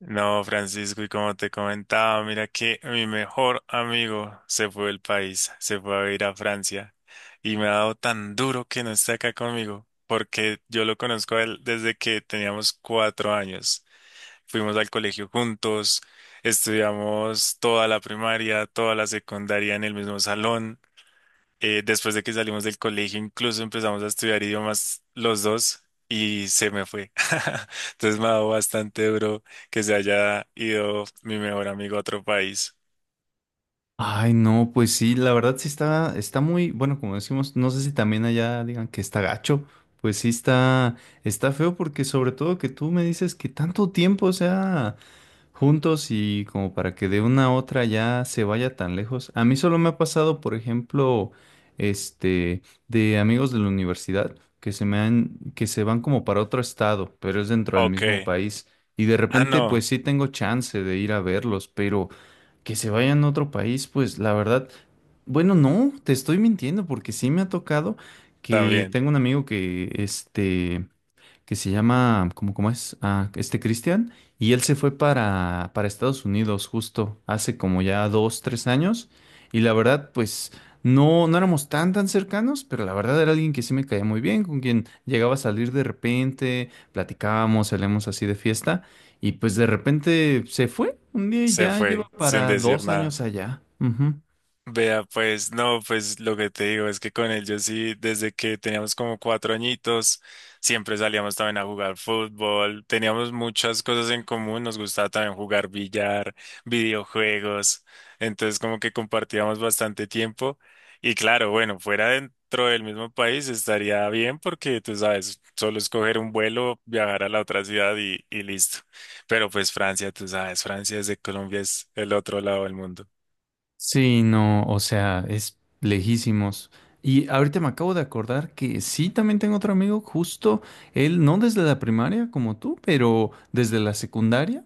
No, Francisco, y como te comentaba, mira que mi mejor amigo se fue del país, se fue a vivir a Francia y me ha dado tan duro que no esté acá conmigo, porque yo lo conozco a él desde que teníamos 4 años. Fuimos al colegio juntos, estudiamos toda la primaria, toda la secundaria en el mismo salón. Después de que salimos del colegio, incluso empezamos a estudiar idiomas los dos y se me fue. Entonces me ha dado bastante duro que se haya ido mi mejor amigo a otro país. Ay, no, pues sí, la verdad sí está muy, bueno, como decimos, no sé si también allá digan que está gacho, pues sí está feo porque sobre todo que tú me dices que tanto tiempo, o sea, juntos y como para que de una a otra ya se vaya tan lejos. A mí solo me ha pasado, por ejemplo, este, de amigos de la universidad que se van como para otro estado, pero es dentro del Ok. mismo país. Y de Ah, repente, no, pues sí tengo chance de ir a verlos, pero que se vayan a otro país, pues la verdad, bueno, no, te estoy mintiendo porque sí me ha tocado que también tengo un amigo que, que se llama, ¿cómo, cómo es? Ah, este Cristian, y él se fue para Estados Unidos justo hace como ya dos, tres años, y la verdad, pues no, no éramos tan cercanos, pero la verdad era alguien que sí me caía muy bien, con quien llegaba a salir de repente, platicábamos, salíamos así de fiesta, y pues de repente se fue un día y se ya lleva fue sin para decir dos nada. años allá. Ujú. Vea, pues no, pues lo que te digo es que con él yo sí, desde que teníamos como 4 añitos, siempre salíamos también a jugar fútbol, teníamos muchas cosas en común, nos gustaba también jugar billar, videojuegos, entonces como que compartíamos bastante tiempo y claro, bueno, fuera dentro del mismo país estaría bien porque tú sabes, solo escoger un vuelo, viajar a la otra ciudad y listo, pero pues Francia, tú sabes, Francia desde Colombia es el otro lado del mundo. Sí, no, o sea, es lejísimos. Y ahorita me acabo de acordar que sí, también tengo otro amigo, justo él, no desde la primaria como tú, pero desde la secundaria.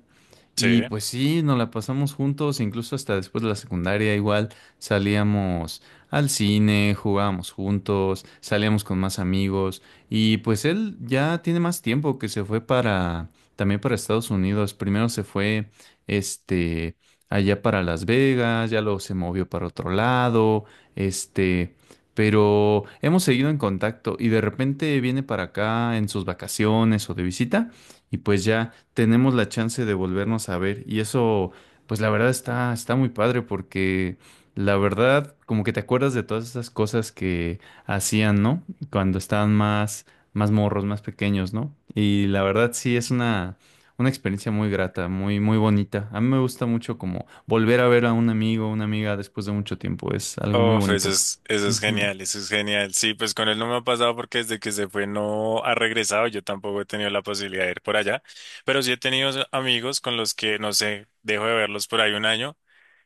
Sí. Y pues sí, nos la pasamos juntos, incluso hasta después de la secundaria igual salíamos al cine, jugábamos juntos, salíamos con más amigos y pues él ya tiene más tiempo que se fue para también para Estados Unidos. Primero se fue este allá para Las Vegas, ya luego se movió para otro lado, este, pero hemos seguido en contacto y de repente viene para acá en sus vacaciones o de visita y pues ya tenemos la chance de volvernos a ver. Y eso, pues la verdad está muy padre porque la verdad, como que te acuerdas de todas esas cosas que hacían, ¿no? Cuando estaban más morros, más pequeños, ¿no? Y la verdad sí es una experiencia muy grata, muy, muy bonita. A mí me gusta mucho como volver a ver a un amigo, una amiga después de mucho tiempo. Es algo muy Uf, bonito. Eso es Ujú. genial, eso es genial. Sí, pues con él no me ha pasado porque desde que se fue no ha regresado. Yo tampoco he tenido la posibilidad de ir por allá, pero sí he tenido amigos con los que, no sé, dejo de verlos por ahí un año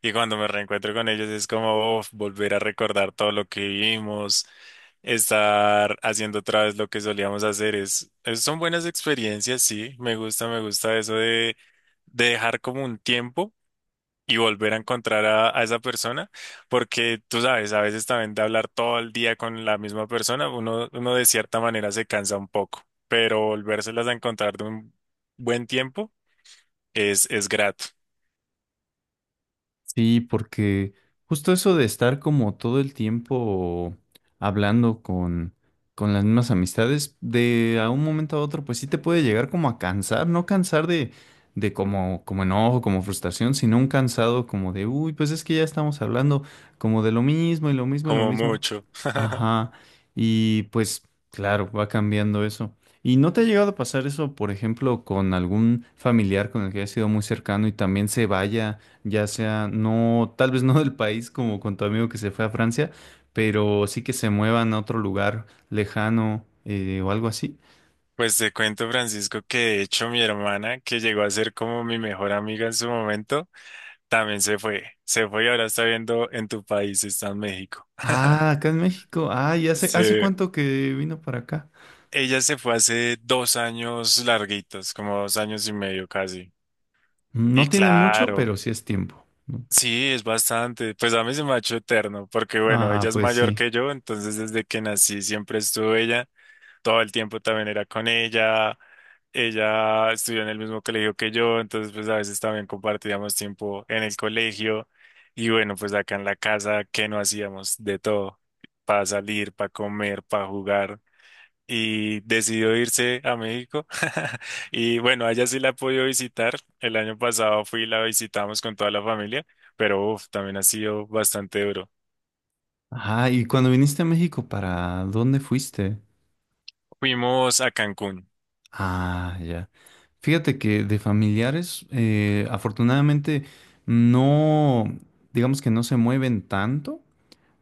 y cuando me reencuentro con ellos es como uf, volver a recordar todo lo que vivimos, estar haciendo otra vez lo que solíamos hacer. Son buenas experiencias, sí. Me gusta eso de dejar como un tiempo y volver a encontrar a esa persona, porque tú sabes, a veces también de hablar todo el día con la misma persona, uno de cierta manera se cansa un poco, pero volvérselas a encontrar de un buen tiempo es grato, Sí, porque justo eso de estar como todo el tiempo hablando con las mismas amistades, de a un momento a otro, pues sí te puede llegar como a cansar, no cansar de como enojo, como frustración, sino un cansado como de, uy, pues es que ya estamos hablando como de lo mismo y lo mismo y lo como mismo. mucho. Ajá, y pues claro, va cambiando eso. ¿Y no te ha llegado a pasar eso, por ejemplo, con algún familiar con el que hayas sido muy cercano y también se vaya? Ya sea no, tal vez no del país como con tu amigo que se fue a Francia, pero sí que se muevan a otro lugar lejano, o algo así. Pues te cuento, Francisco, que de hecho mi hermana, que llegó a ser como mi mejor amiga en su momento, también se fue y ahora está viendo en tu país, está en México. Ah, acá en México. Ah, ¿y hace, Sí. hace cuánto que vino para acá? Ella se fue hace 2 años larguitos, como 2 años y medio casi. Y No tiene mucho, claro, pero sí es tiempo, ¿no? sí, es bastante. Pues a mí se me ha hecho eterno, porque bueno, Ah, ella es pues mayor sí. que yo, entonces desde que nací siempre estuvo ella. Todo el tiempo también era con ella. Ella estudió en el mismo colegio que yo, entonces pues a veces también compartíamos tiempo en el colegio. Y bueno, pues acá en la casa, ¿qué no hacíamos? De todo. Para salir, para comer, para jugar y decidió irse a México. Y bueno, a ella sí la he podido visitar. El año pasado fui y la visitamos con toda la familia, pero uf, también ha sido bastante duro. Ah, y cuando viniste a México, ¿para dónde fuiste? Fuimos a Cancún. Ah, ya. Fíjate que de familiares, afortunadamente, no, digamos que no se mueven tanto.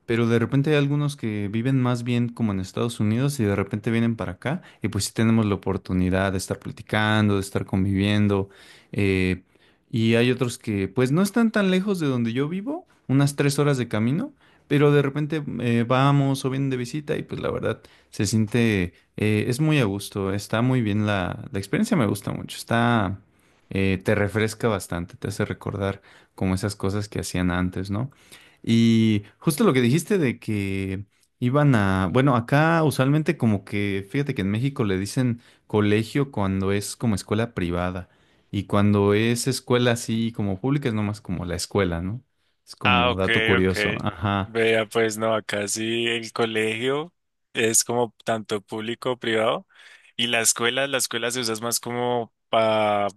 Pero de repente hay algunos que viven más bien como en Estados Unidos y de repente vienen para acá y pues sí tenemos la oportunidad de estar platicando, de estar conviviendo. eh, y hay otros que pues no están tan lejos de donde yo vivo, unas 3 horas de camino, pero de repente vamos o vienen de visita y pues la verdad se siente, es muy a gusto, está muy bien la experiencia, me gusta mucho, está, te refresca bastante, te hace recordar como esas cosas que hacían antes, ¿no? Y justo lo que dijiste de que iban a, bueno, acá usualmente como que, fíjate que en México le dicen colegio cuando es como escuela privada y cuando es escuela así como pública es nomás como la escuela, ¿no? Es Ah, como ok, dato ok. curioso. Ajá. Vea, pues no, acá sí el colegio es como tanto público, privado, y la escuela se usa es más como para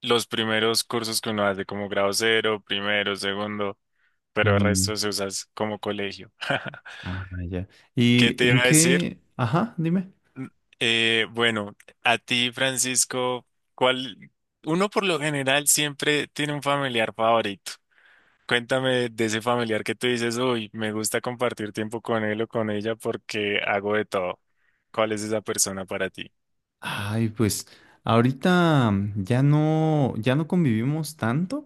los primeros cursos que uno hace, como grado cero, primero, segundo, pero el Mm, resto se usa es como colegio. ah, ya. ¿Qué ¿Y te en iba a decir? qué? Ajá, dime. Bueno, a ti, Francisco, ¿cuál? Uno por lo general siempre tiene un familiar favorito. Cuéntame de ese familiar que tú dices, uy, me gusta compartir tiempo con él o con ella porque hago de todo. ¿Cuál es esa persona para ti? Ay, pues ahorita ya no, ya no convivimos tanto.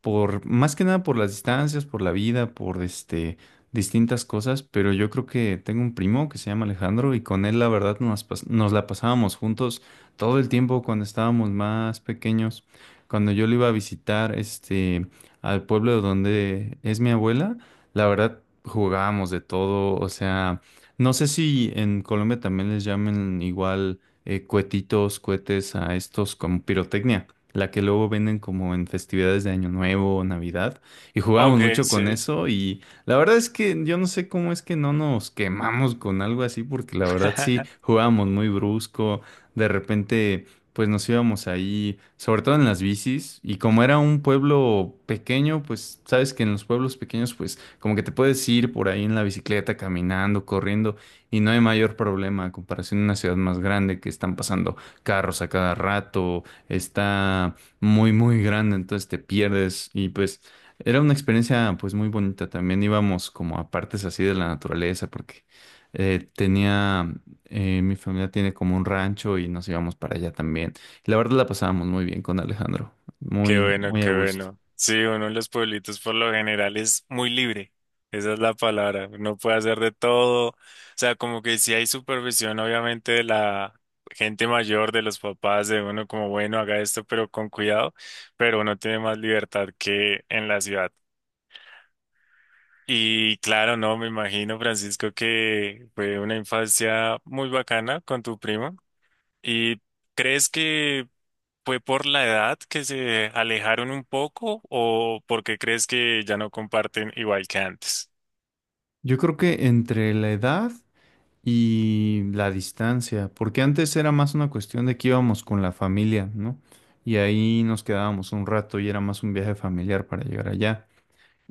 Por más que nada por las distancias, por la vida, por distintas cosas, pero yo creo que tengo un primo que se llama Alejandro y con él la verdad nos la pasábamos juntos todo el tiempo cuando estábamos más pequeños. Cuando yo lo iba a visitar al pueblo donde es mi abuela, la verdad jugábamos de todo, o sea, no sé si en Colombia también les llamen igual, cuetitos, cohetes a estos como pirotecnia la que luego venden como en festividades de Año Nuevo o Navidad, y jugábamos Ok, mucho con sí. eso y la verdad es que yo no sé cómo es que no nos quemamos con algo así, porque la verdad sí jugábamos muy brusco, de repente pues nos íbamos ahí, sobre todo en las bicis, y como era un pueblo pequeño, pues sabes que en los pueblos pequeños pues como que te puedes ir por ahí en la bicicleta, caminando, corriendo, y no hay mayor problema a comparación de una ciudad más grande que están pasando carros a cada rato, está muy, muy grande, entonces te pierdes y pues era una experiencia pues muy bonita. También íbamos como a partes así de la naturaleza porque tenía, mi familia tiene como un rancho y nos íbamos para allá también. Y la verdad la pasábamos muy bien con Alejandro, Qué muy, bueno, muy a qué gusto. bueno. Sí, uno en los pueblitos por lo general es muy libre. Esa es la palabra. Uno puede hacer de todo. O sea, como que sí hay supervisión, obviamente, de la gente mayor, de los papás, de uno como, bueno, haga esto, pero con cuidado. Pero uno tiene más libertad que en la ciudad. Y claro, no, me imagino, Francisco, que fue una infancia muy bacana con tu primo. ¿Y crees que ¿Fue por la edad que se alejaron un poco o porque crees que ya no comparten igual que antes? Yo creo que entre la edad y la distancia, porque antes era más una cuestión de que íbamos con la familia, ¿no? Y ahí nos quedábamos un rato y era más un viaje familiar para llegar allá.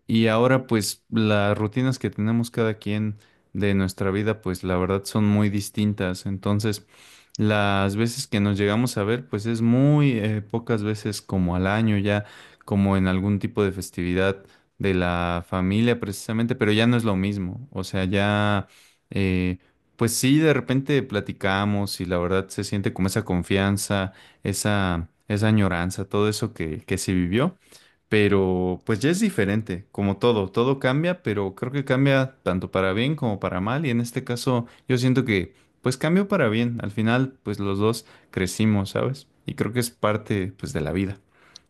Y ahora pues las rutinas que tenemos cada quien de nuestra vida pues la verdad son muy distintas. Entonces las veces que nos llegamos a ver pues es muy pocas veces como al año ya, como en algún tipo de festividad de la familia precisamente, pero ya no es lo mismo. O sea, ya, eh, pues sí, de repente platicamos y la verdad se siente como esa confianza, esa añoranza, todo eso que se vivió. Pero pues ya es diferente, como todo, todo cambia, pero creo que cambia tanto para bien como para mal y en este caso yo siento que pues cambió para bien, al final pues los dos crecimos, ¿sabes? Y creo que es parte pues de la vida.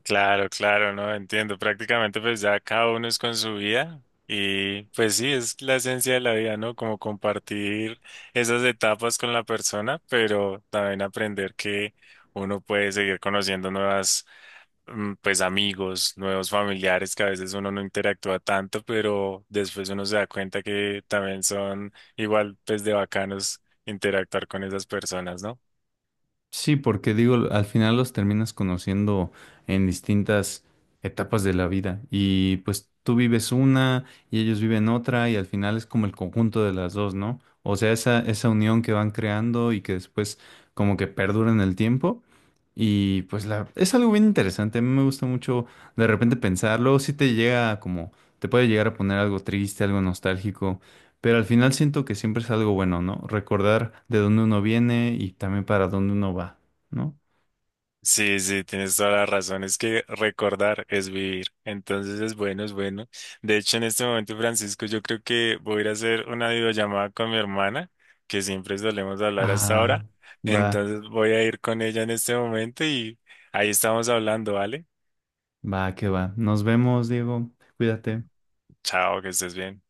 Claro, claro, no entiendo. Prácticamente pues ya cada uno es con su vida y pues sí, es la esencia de la vida, ¿no? Como compartir esas etapas con la persona, pero también aprender que uno puede seguir conociendo nuevas pues amigos, nuevos familiares que a veces uno no interactúa tanto, pero después uno se da cuenta que también son igual pues de bacanos interactuar con esas personas, ¿no? Sí, porque digo, al final los terminas conociendo en distintas etapas de la vida y pues tú vives una y ellos viven otra y al final es como el conjunto de las dos, ¿no? O sea, esa unión que van creando y que después como que perdura en el tiempo. Y pues es algo bien interesante, a mí me gusta mucho de repente pensarlo, si te llega como, te puede llegar a poner algo triste, algo nostálgico, pero al final siento que siempre es algo bueno, ¿no? Recordar de dónde uno viene y también para dónde uno va, ¿no? Sí, sí, tienes toda la razón. Es que recordar es vivir. Entonces es bueno, es bueno. De hecho, en este momento, Francisco, yo creo que voy a ir a hacer una videollamada con mi hermana, que siempre solemos hablar hasta Ah, ahora. va, Entonces voy a ir con ella en este momento y ahí estamos hablando, ¿vale? va, que va. Nos vemos, Diego, cuídate. Chao, que estés bien.